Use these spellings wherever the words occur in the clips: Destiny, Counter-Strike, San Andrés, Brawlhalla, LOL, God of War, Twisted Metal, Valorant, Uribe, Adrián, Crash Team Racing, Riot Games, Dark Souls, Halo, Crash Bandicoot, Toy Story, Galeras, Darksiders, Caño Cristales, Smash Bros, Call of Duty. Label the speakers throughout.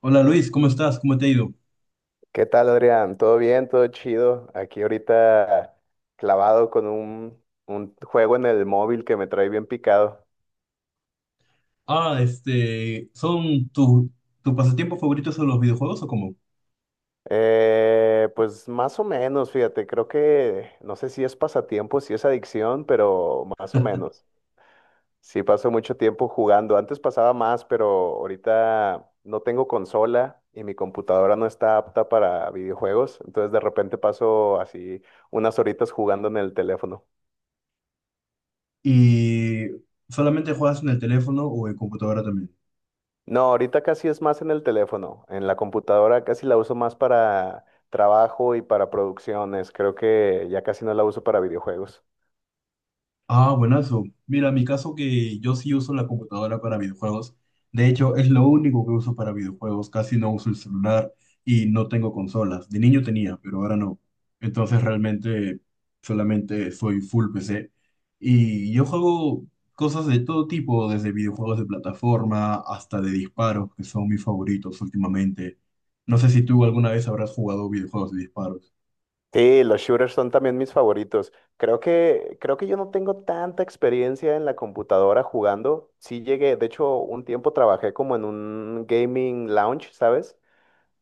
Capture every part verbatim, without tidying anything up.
Speaker 1: Hola Luis, ¿cómo estás? ¿Cómo te ha ido?
Speaker 2: ¿Qué tal, Adrián? ¿Todo bien? ¿Todo chido? Aquí ahorita clavado con un, un juego en el móvil que me trae bien picado.
Speaker 1: Ah, este, ¿son tus tu pasatiempos favoritos son los videojuegos o cómo?
Speaker 2: Eh, pues más o menos, fíjate, creo que no sé si es pasatiempo, si es adicción, pero más o menos. Sí paso mucho tiempo jugando. Antes pasaba más, pero ahorita no tengo consola y mi computadora no está apta para videojuegos. Entonces de repente paso así unas horitas jugando en el teléfono.
Speaker 1: ¿Y solamente juegas en el teléfono o en computadora también?
Speaker 2: No, ahorita casi es más en el teléfono, en la computadora casi la uso más para trabajo y para producciones. Creo que ya casi no la uso para videojuegos.
Speaker 1: Ah, buenazo. Mira, mi caso que yo sí uso la computadora para videojuegos. De hecho, es lo único que uso para videojuegos. Casi no uso el celular y no tengo consolas. De niño tenía, pero ahora no. Entonces realmente solamente soy full P C. Y yo juego cosas de todo tipo, desde videojuegos de plataforma hasta de disparos, que son mis favoritos últimamente. No sé si tú alguna vez habrás jugado videojuegos de disparos.
Speaker 2: Sí, los shooters son también mis favoritos. Creo que, creo que yo no tengo tanta experiencia en la computadora jugando. Sí llegué, de hecho, un tiempo trabajé como en un gaming lounge, ¿sabes?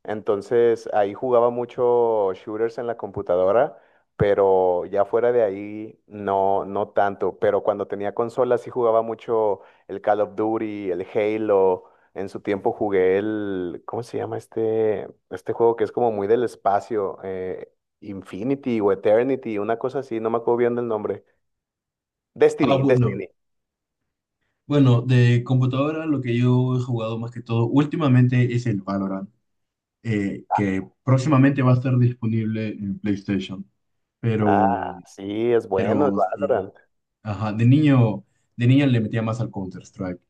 Speaker 2: Entonces ahí jugaba mucho shooters en la computadora, pero ya fuera de ahí no, no tanto. Pero cuando tenía consolas sí jugaba mucho el Call of Duty, el Halo. En su tiempo jugué el, ¿cómo se llama este, este juego que es como muy del espacio? eh, Infinity o Eternity, una cosa así, no me acuerdo bien del nombre.
Speaker 1: Ah,
Speaker 2: Destiny,
Speaker 1: bueno.
Speaker 2: Destiny.
Speaker 1: Bueno, de computadora lo que yo he jugado más que todo últimamente es el Valorant, eh, que próximamente va a estar disponible en PlayStation. Pero,
Speaker 2: Ah, sí, es bueno el
Speaker 1: pero sí,
Speaker 2: Valorant.
Speaker 1: ajá, de niño, de niño le metía más al Counter-Strike.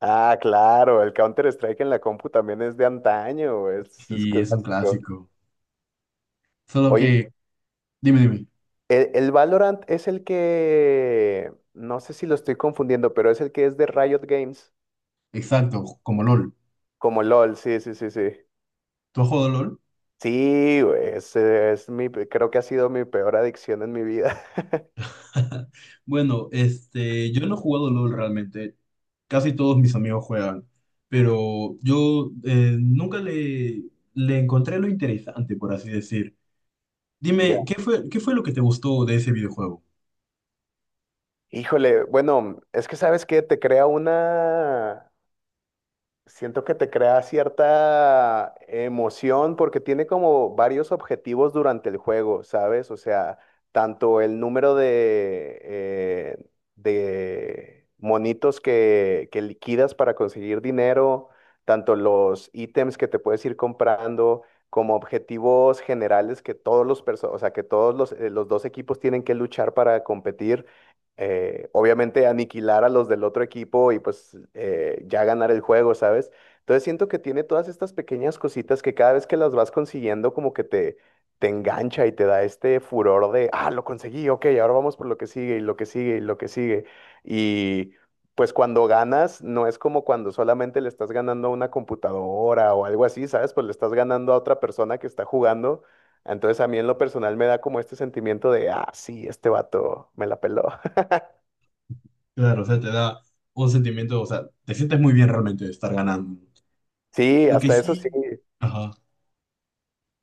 Speaker 2: Ah, claro, el Counter-Strike en la compu también es de antaño, es, es
Speaker 1: Sí, es un
Speaker 2: clásico.
Speaker 1: clásico. Solo
Speaker 2: Oye,
Speaker 1: que, dime, dime,
Speaker 2: el, el Valorant es el que, no sé si lo estoy confundiendo, pero es el que es de Riot Games,
Speaker 1: exacto, como LOL.
Speaker 2: como LOL, sí, sí, sí, sí.
Speaker 1: ¿Tú has jugado LOL?
Speaker 2: Sí, güey, ese es, mi, pe- creo que ha sido mi peor adicción en mi vida.
Speaker 1: Bueno, este, yo no he jugado LOL realmente. Casi todos mis amigos juegan, pero yo eh, nunca le, le encontré lo interesante, por así decir.
Speaker 2: Ya.
Speaker 1: Dime, ¿qué fue, ¿qué fue lo que te gustó de ese videojuego?
Speaker 2: Híjole, bueno, es que sabes que te crea una, siento que te crea cierta emoción porque tiene como varios objetivos durante el juego, ¿sabes? O sea, tanto el número de, eh, de monitos que, que liquidas para conseguir dinero, tanto los ítems que te puedes ir comprando, como objetivos generales que todos los perso- o sea, que todos los, eh, los dos equipos tienen que luchar para competir, eh, obviamente aniquilar a los del otro equipo, y pues eh, ya ganar el juego, ¿sabes? Entonces siento que tiene todas estas pequeñas cositas que cada vez que las vas consiguiendo como que te, te engancha y te da este furor de, ah, lo conseguí, ok, ahora vamos por lo que sigue y lo que sigue y lo que sigue. Y pues cuando ganas, no es como cuando solamente le estás ganando a una computadora o algo así, ¿sabes? Pues le estás ganando a otra persona que está jugando. Entonces a mí en lo personal me da como este sentimiento de, ah, sí, este vato me la peló.
Speaker 1: Claro, o sea, te da un sentimiento, o sea, te sientes muy bien realmente de estar ganando.
Speaker 2: Sí,
Speaker 1: Lo que
Speaker 2: hasta eso sí,
Speaker 1: sí... Ajá.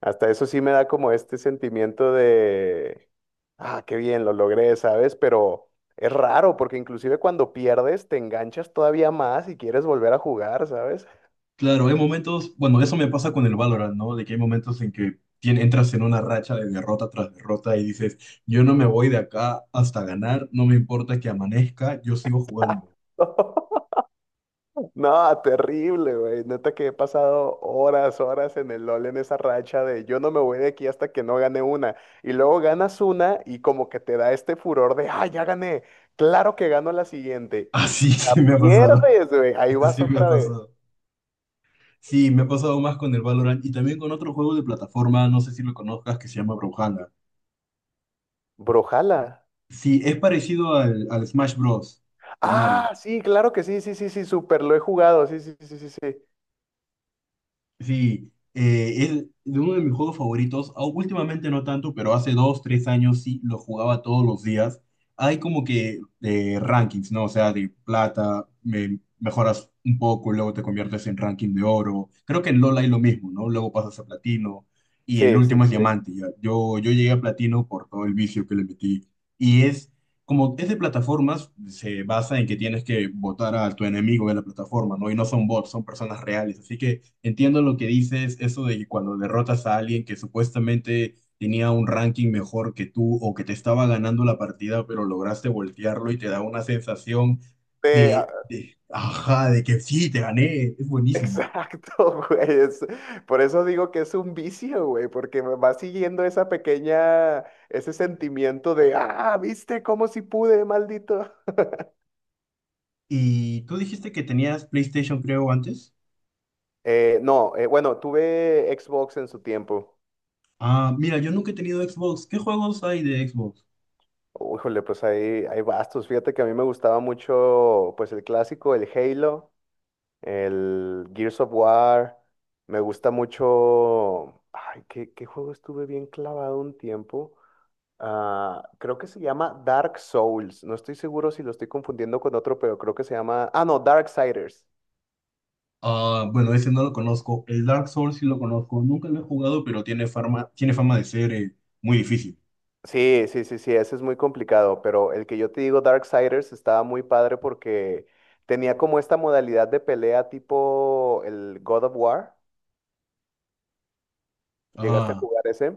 Speaker 2: hasta eso sí me da como este sentimiento de, ah, qué bien, lo logré, ¿sabes? Pero es raro porque inclusive cuando pierdes te enganchas todavía más y quieres volver a jugar, ¿sabes?
Speaker 1: Claro, hay momentos, bueno, eso me pasa con el Valorant, ¿no? De que hay momentos en que tien- entras en una racha de derrota tras derrota y dices, yo no me voy de acá hasta ganar, no me importa que amanezca, yo sigo jugando.
Speaker 2: No, terrible, güey. Neta que he pasado horas, horas en el LOL en esa racha de yo no me voy de aquí hasta que no gane una. Y luego ganas una y como que te da este furor de, ah, ya gané. Claro que gano la siguiente. Y si
Speaker 1: Así
Speaker 2: la
Speaker 1: sí me ha pasado,
Speaker 2: pierdes, güey, ahí
Speaker 1: este
Speaker 2: vas
Speaker 1: sí me ha
Speaker 2: otra vez.
Speaker 1: pasado. Sí, me ha pasado más con el Valorant y también con otro juego de plataforma, no sé si lo conozcas, que se llama Brawlhalla.
Speaker 2: Brojala.
Speaker 1: Sí, es parecido al, al Smash Bros. De Mario.
Speaker 2: Ah, sí, claro que sí, sí, sí, sí, súper, lo he jugado, sí, sí, sí, sí, sí.
Speaker 1: Sí, eh, es de uno de mis juegos favoritos. Au- Últimamente no tanto, pero hace dos, tres años sí lo jugaba todos los días. Hay como que eh, rankings, ¿no? O sea, de plata, me- mejoras un poco, y luego te conviertes en ranking de oro. Creo que en LoL hay lo mismo, ¿no? Luego pasas a platino y el
Speaker 2: Sí, sí,
Speaker 1: último es
Speaker 2: sí, sí.
Speaker 1: diamante. Ya. Yo, yo llegué a platino por todo el vicio que le metí. Y es como es de plataformas, se basa en que tienes que votar a tu enemigo de la plataforma, ¿no? Y no son bots, son personas reales. Así que entiendo lo que dices, eso de que cuando derrotas a alguien que supuestamente tenía un ranking mejor que tú o que te estaba ganando la partida, pero lograste voltearlo y te da una sensación
Speaker 2: Sí, ah,
Speaker 1: de, de, ajá, de que sí, te gané, es buenísimo.
Speaker 2: exacto, güey. Es- por eso digo que es un vicio, güey, porque me va siguiendo esa pequeña, ese sentimiento de, ah, viste, cómo si pude, maldito.
Speaker 1: Y tú dijiste que tenías PlayStation, creo, antes.
Speaker 2: Eh, no, eh, bueno, tuve Xbox en su tiempo.
Speaker 1: Ah, mira, yo nunca he tenido Xbox. ¿Qué juegos hay de Xbox?
Speaker 2: Híjole, pues ahí hay bastos. Fíjate que a mí me gustaba mucho, pues el clásico, el Halo. El Gears of War. Me gusta mucho. Ay, ¿qué, qué juego estuve bien clavado un tiempo? Ah, creo que se llama Dark Souls. No estoy seguro si lo estoy confundiendo con otro, pero creo que se llama. Ah, no, Darksiders.
Speaker 1: Ah, bueno, ese no lo conozco. El Dark Souls sí lo conozco. Nunca lo he jugado, pero tiene fama, tiene fama de ser eh, muy difícil.
Speaker 2: Sí, sí, sí, sí, ese es muy complicado, pero el que yo te digo, Darksiders, estaba muy padre porque tenía como esta modalidad de pelea tipo el God of War. ¿Llegaste a
Speaker 1: Ah,
Speaker 2: jugar ese?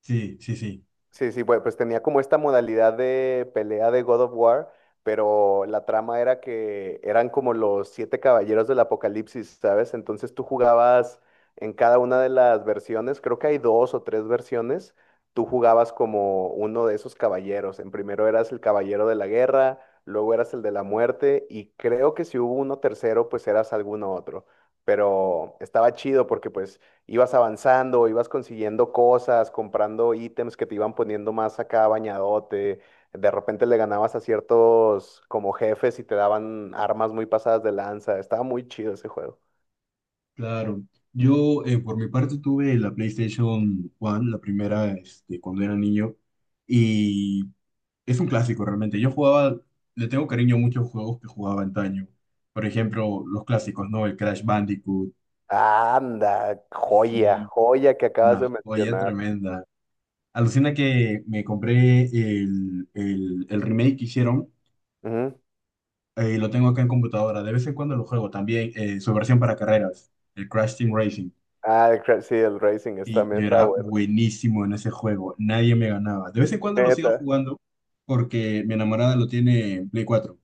Speaker 1: sí, sí, sí.
Speaker 2: Sí, sí, pues, pues tenía como esta modalidad de pelea de God of War, pero la trama era que eran como los siete caballeros del Apocalipsis, ¿sabes? Entonces tú jugabas en cada una de las versiones, creo que hay dos o tres versiones, tú jugabas como uno de esos caballeros. En primero eras el caballero de la guerra, luego eras el de la muerte, y creo que si hubo uno tercero, pues eras alguno otro. Pero estaba chido porque pues ibas avanzando, ibas consiguiendo cosas, comprando ítems que te iban poniendo más acá bañadote. De repente le ganabas a ciertos como jefes y te daban armas muy pasadas de lanza. Estaba muy chido ese juego.
Speaker 1: Claro, yo eh, por mi parte tuve la PlayStation uno, la primera este, cuando era niño, y es un clásico realmente. Yo jugaba, le tengo cariño a muchos juegos que jugaba antaño. Por ejemplo, los clásicos, ¿no? El Crash Bandicoot,
Speaker 2: Anda, joya,
Speaker 1: sí,
Speaker 2: joya que acabas
Speaker 1: una
Speaker 2: de
Speaker 1: joya
Speaker 2: mencionar.
Speaker 1: tremenda. Alucina que me compré el, el- el remake que hicieron,
Speaker 2: Ujú.
Speaker 1: eh, lo tengo acá en computadora. De vez en cuando lo juego también, eh, su versión para carreras, el Crash Team Racing.
Speaker 2: Ah, el, cra- sí, el Racing está,
Speaker 1: Sí, yo
Speaker 2: está
Speaker 1: era
Speaker 2: bueno.
Speaker 1: buenísimo en ese juego, nadie me ganaba. De vez en cuando lo sigo
Speaker 2: Neta.
Speaker 1: jugando porque mi enamorada lo tiene en Play cuatro.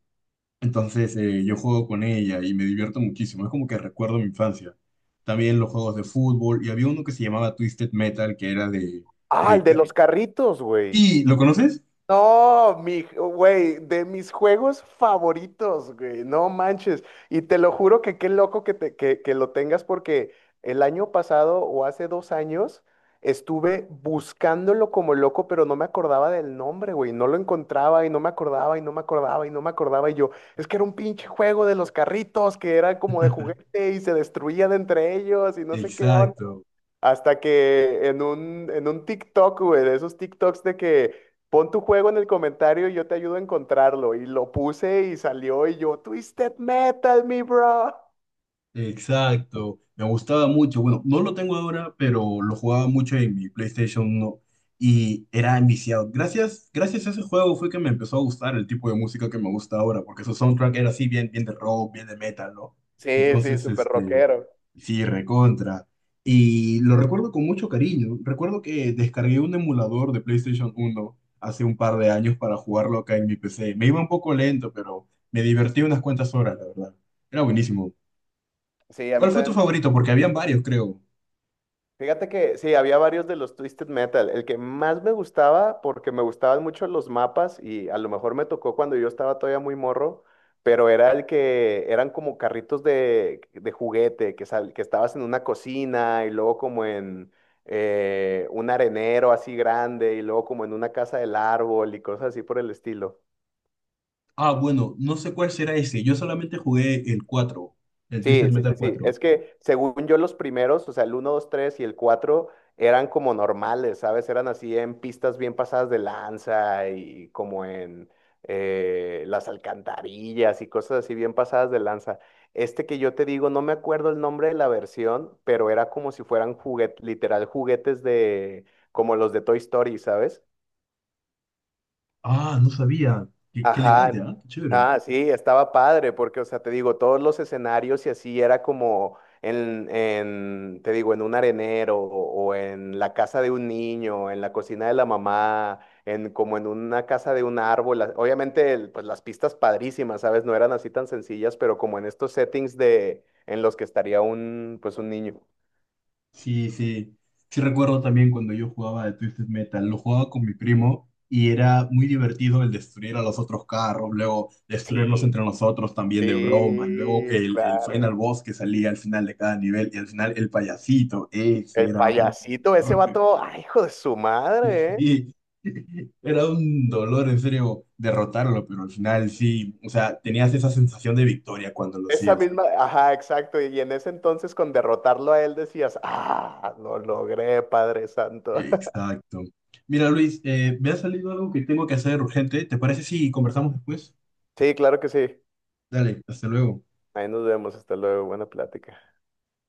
Speaker 1: Entonces eh, yo juego con ella y me divierto muchísimo, es como que recuerdo mi infancia. También los juegos de fútbol y había uno que se llamaba Twisted Metal que era de...
Speaker 2: Ah, el
Speaker 1: de...
Speaker 2: de
Speaker 1: ca-
Speaker 2: los carritos, güey.
Speaker 1: ¿Y lo conoces?
Speaker 2: No, mi, güey, de mis juegos favoritos, güey, no manches. Y te lo juro que qué loco que, te, que, que lo tengas, porque el año pasado o hace dos años estuve buscándolo como loco, pero no me acordaba del nombre, güey. No lo encontraba y no me acordaba y no me acordaba y no me acordaba. Y yo, es que era un pinche juego de los carritos que era como de juguete y se destruían entre ellos y no sé qué,
Speaker 1: Exacto.
Speaker 2: hasta que en un, en un TikTok, güey, de esos TikToks de que pon tu juego en el comentario y yo te ayudo a encontrarlo. Y lo puse y salió y yo, Twisted Metal, mi bro.
Speaker 1: Exacto, me gustaba mucho. Bueno, no lo tengo ahora, pero lo jugaba mucho en mi PlayStation uno y era enviciado. Gracias, gracias a ese juego fue que me empezó a gustar el tipo de música que me gusta ahora, porque su soundtrack era así bien, bien de rock, bien de metal, ¿no?
Speaker 2: Sí, sí,
Speaker 1: Entonces,
Speaker 2: súper
Speaker 1: este,
Speaker 2: rockero.
Speaker 1: sí, recontra. Y lo recuerdo con mucho cariño. Recuerdo que descargué un emulador de PlayStation uno hace un par de años para jugarlo acá en mi P C. Me iba un poco lento, pero me divertí unas cuantas horas, la verdad. Era buenísimo.
Speaker 2: Sí, a mí
Speaker 1: ¿Cuál fue tu
Speaker 2: también.
Speaker 1: favorito? Porque habían varios, creo.
Speaker 2: Fíjate que sí, había varios de los Twisted Metal. El que más me gustaba, porque me gustaban mucho los mapas y a lo mejor me tocó cuando yo estaba todavía muy morro, pero era el que eran como carritos de, de juguete, que, sal- que estabas en una cocina y luego como en, eh, un arenero así grande y luego como en una casa del árbol y cosas así por el estilo.
Speaker 1: Ah, bueno, no sé cuál será ese. Yo solamente jugué el cuatro, el Twisted
Speaker 2: Sí, sí,
Speaker 1: Metal
Speaker 2: sí, sí.
Speaker 1: cuatro.
Speaker 2: Es que según yo los primeros, o sea, el uno, dos, tres y el cuatro eran como normales, ¿sabes? Eran así en pistas bien pasadas de lanza y como en, eh, las alcantarillas y cosas así bien pasadas de lanza. Este que yo te digo, no me acuerdo el nombre de la versión, pero era como si fueran juguetes, literal juguetes de, como los de Toy Story, ¿sabes?
Speaker 1: Ah, no sabía. Qué, qué elegante,
Speaker 2: Ajá,
Speaker 1: ¿ah? Qué chévere.
Speaker 2: ah, sí, estaba padre, porque, o sea, te digo, todos los escenarios y así era como en, en, te digo, en un arenero o, o en la casa de un niño, en la cocina de la mamá, en como en una casa de un árbol. la- Obviamente, el- pues las pistas padrísimas, ¿sabes? No eran así tan sencillas, pero como en estos settings de, en los que estaría un, pues un niño.
Speaker 1: Sí, sí. Sí recuerdo también cuando yo jugaba de Twisted Metal. Lo jugaba con mi primo y era muy divertido el destruir a los otros carros, luego destruirnos
Speaker 2: Sí,
Speaker 1: entre nosotros también de broma, y luego
Speaker 2: sí,
Speaker 1: el, el
Speaker 2: claro.
Speaker 1: final boss que salía al final de cada nivel y al final el payasito. Ese
Speaker 2: El
Speaker 1: era un...
Speaker 2: payasito, ese vato, ay, hijo de su madre, ¿eh?
Speaker 1: Sí, era un dolor en serio derrotarlo, pero al final sí, o sea, tenías esa sensación de victoria cuando lo
Speaker 2: Esa
Speaker 1: hacías.
Speaker 2: misma, ajá, exacto. Y en ese entonces con derrotarlo a él decías, ah, lo logré, Padre Santo.
Speaker 1: Exacto. Mira, Luis, eh, me ha salido algo que tengo que hacer urgente. ¿Te parece si conversamos después?
Speaker 2: Sí, claro que sí.
Speaker 1: Dale, hasta luego.
Speaker 2: Ahí nos vemos. Hasta luego. Buena plática.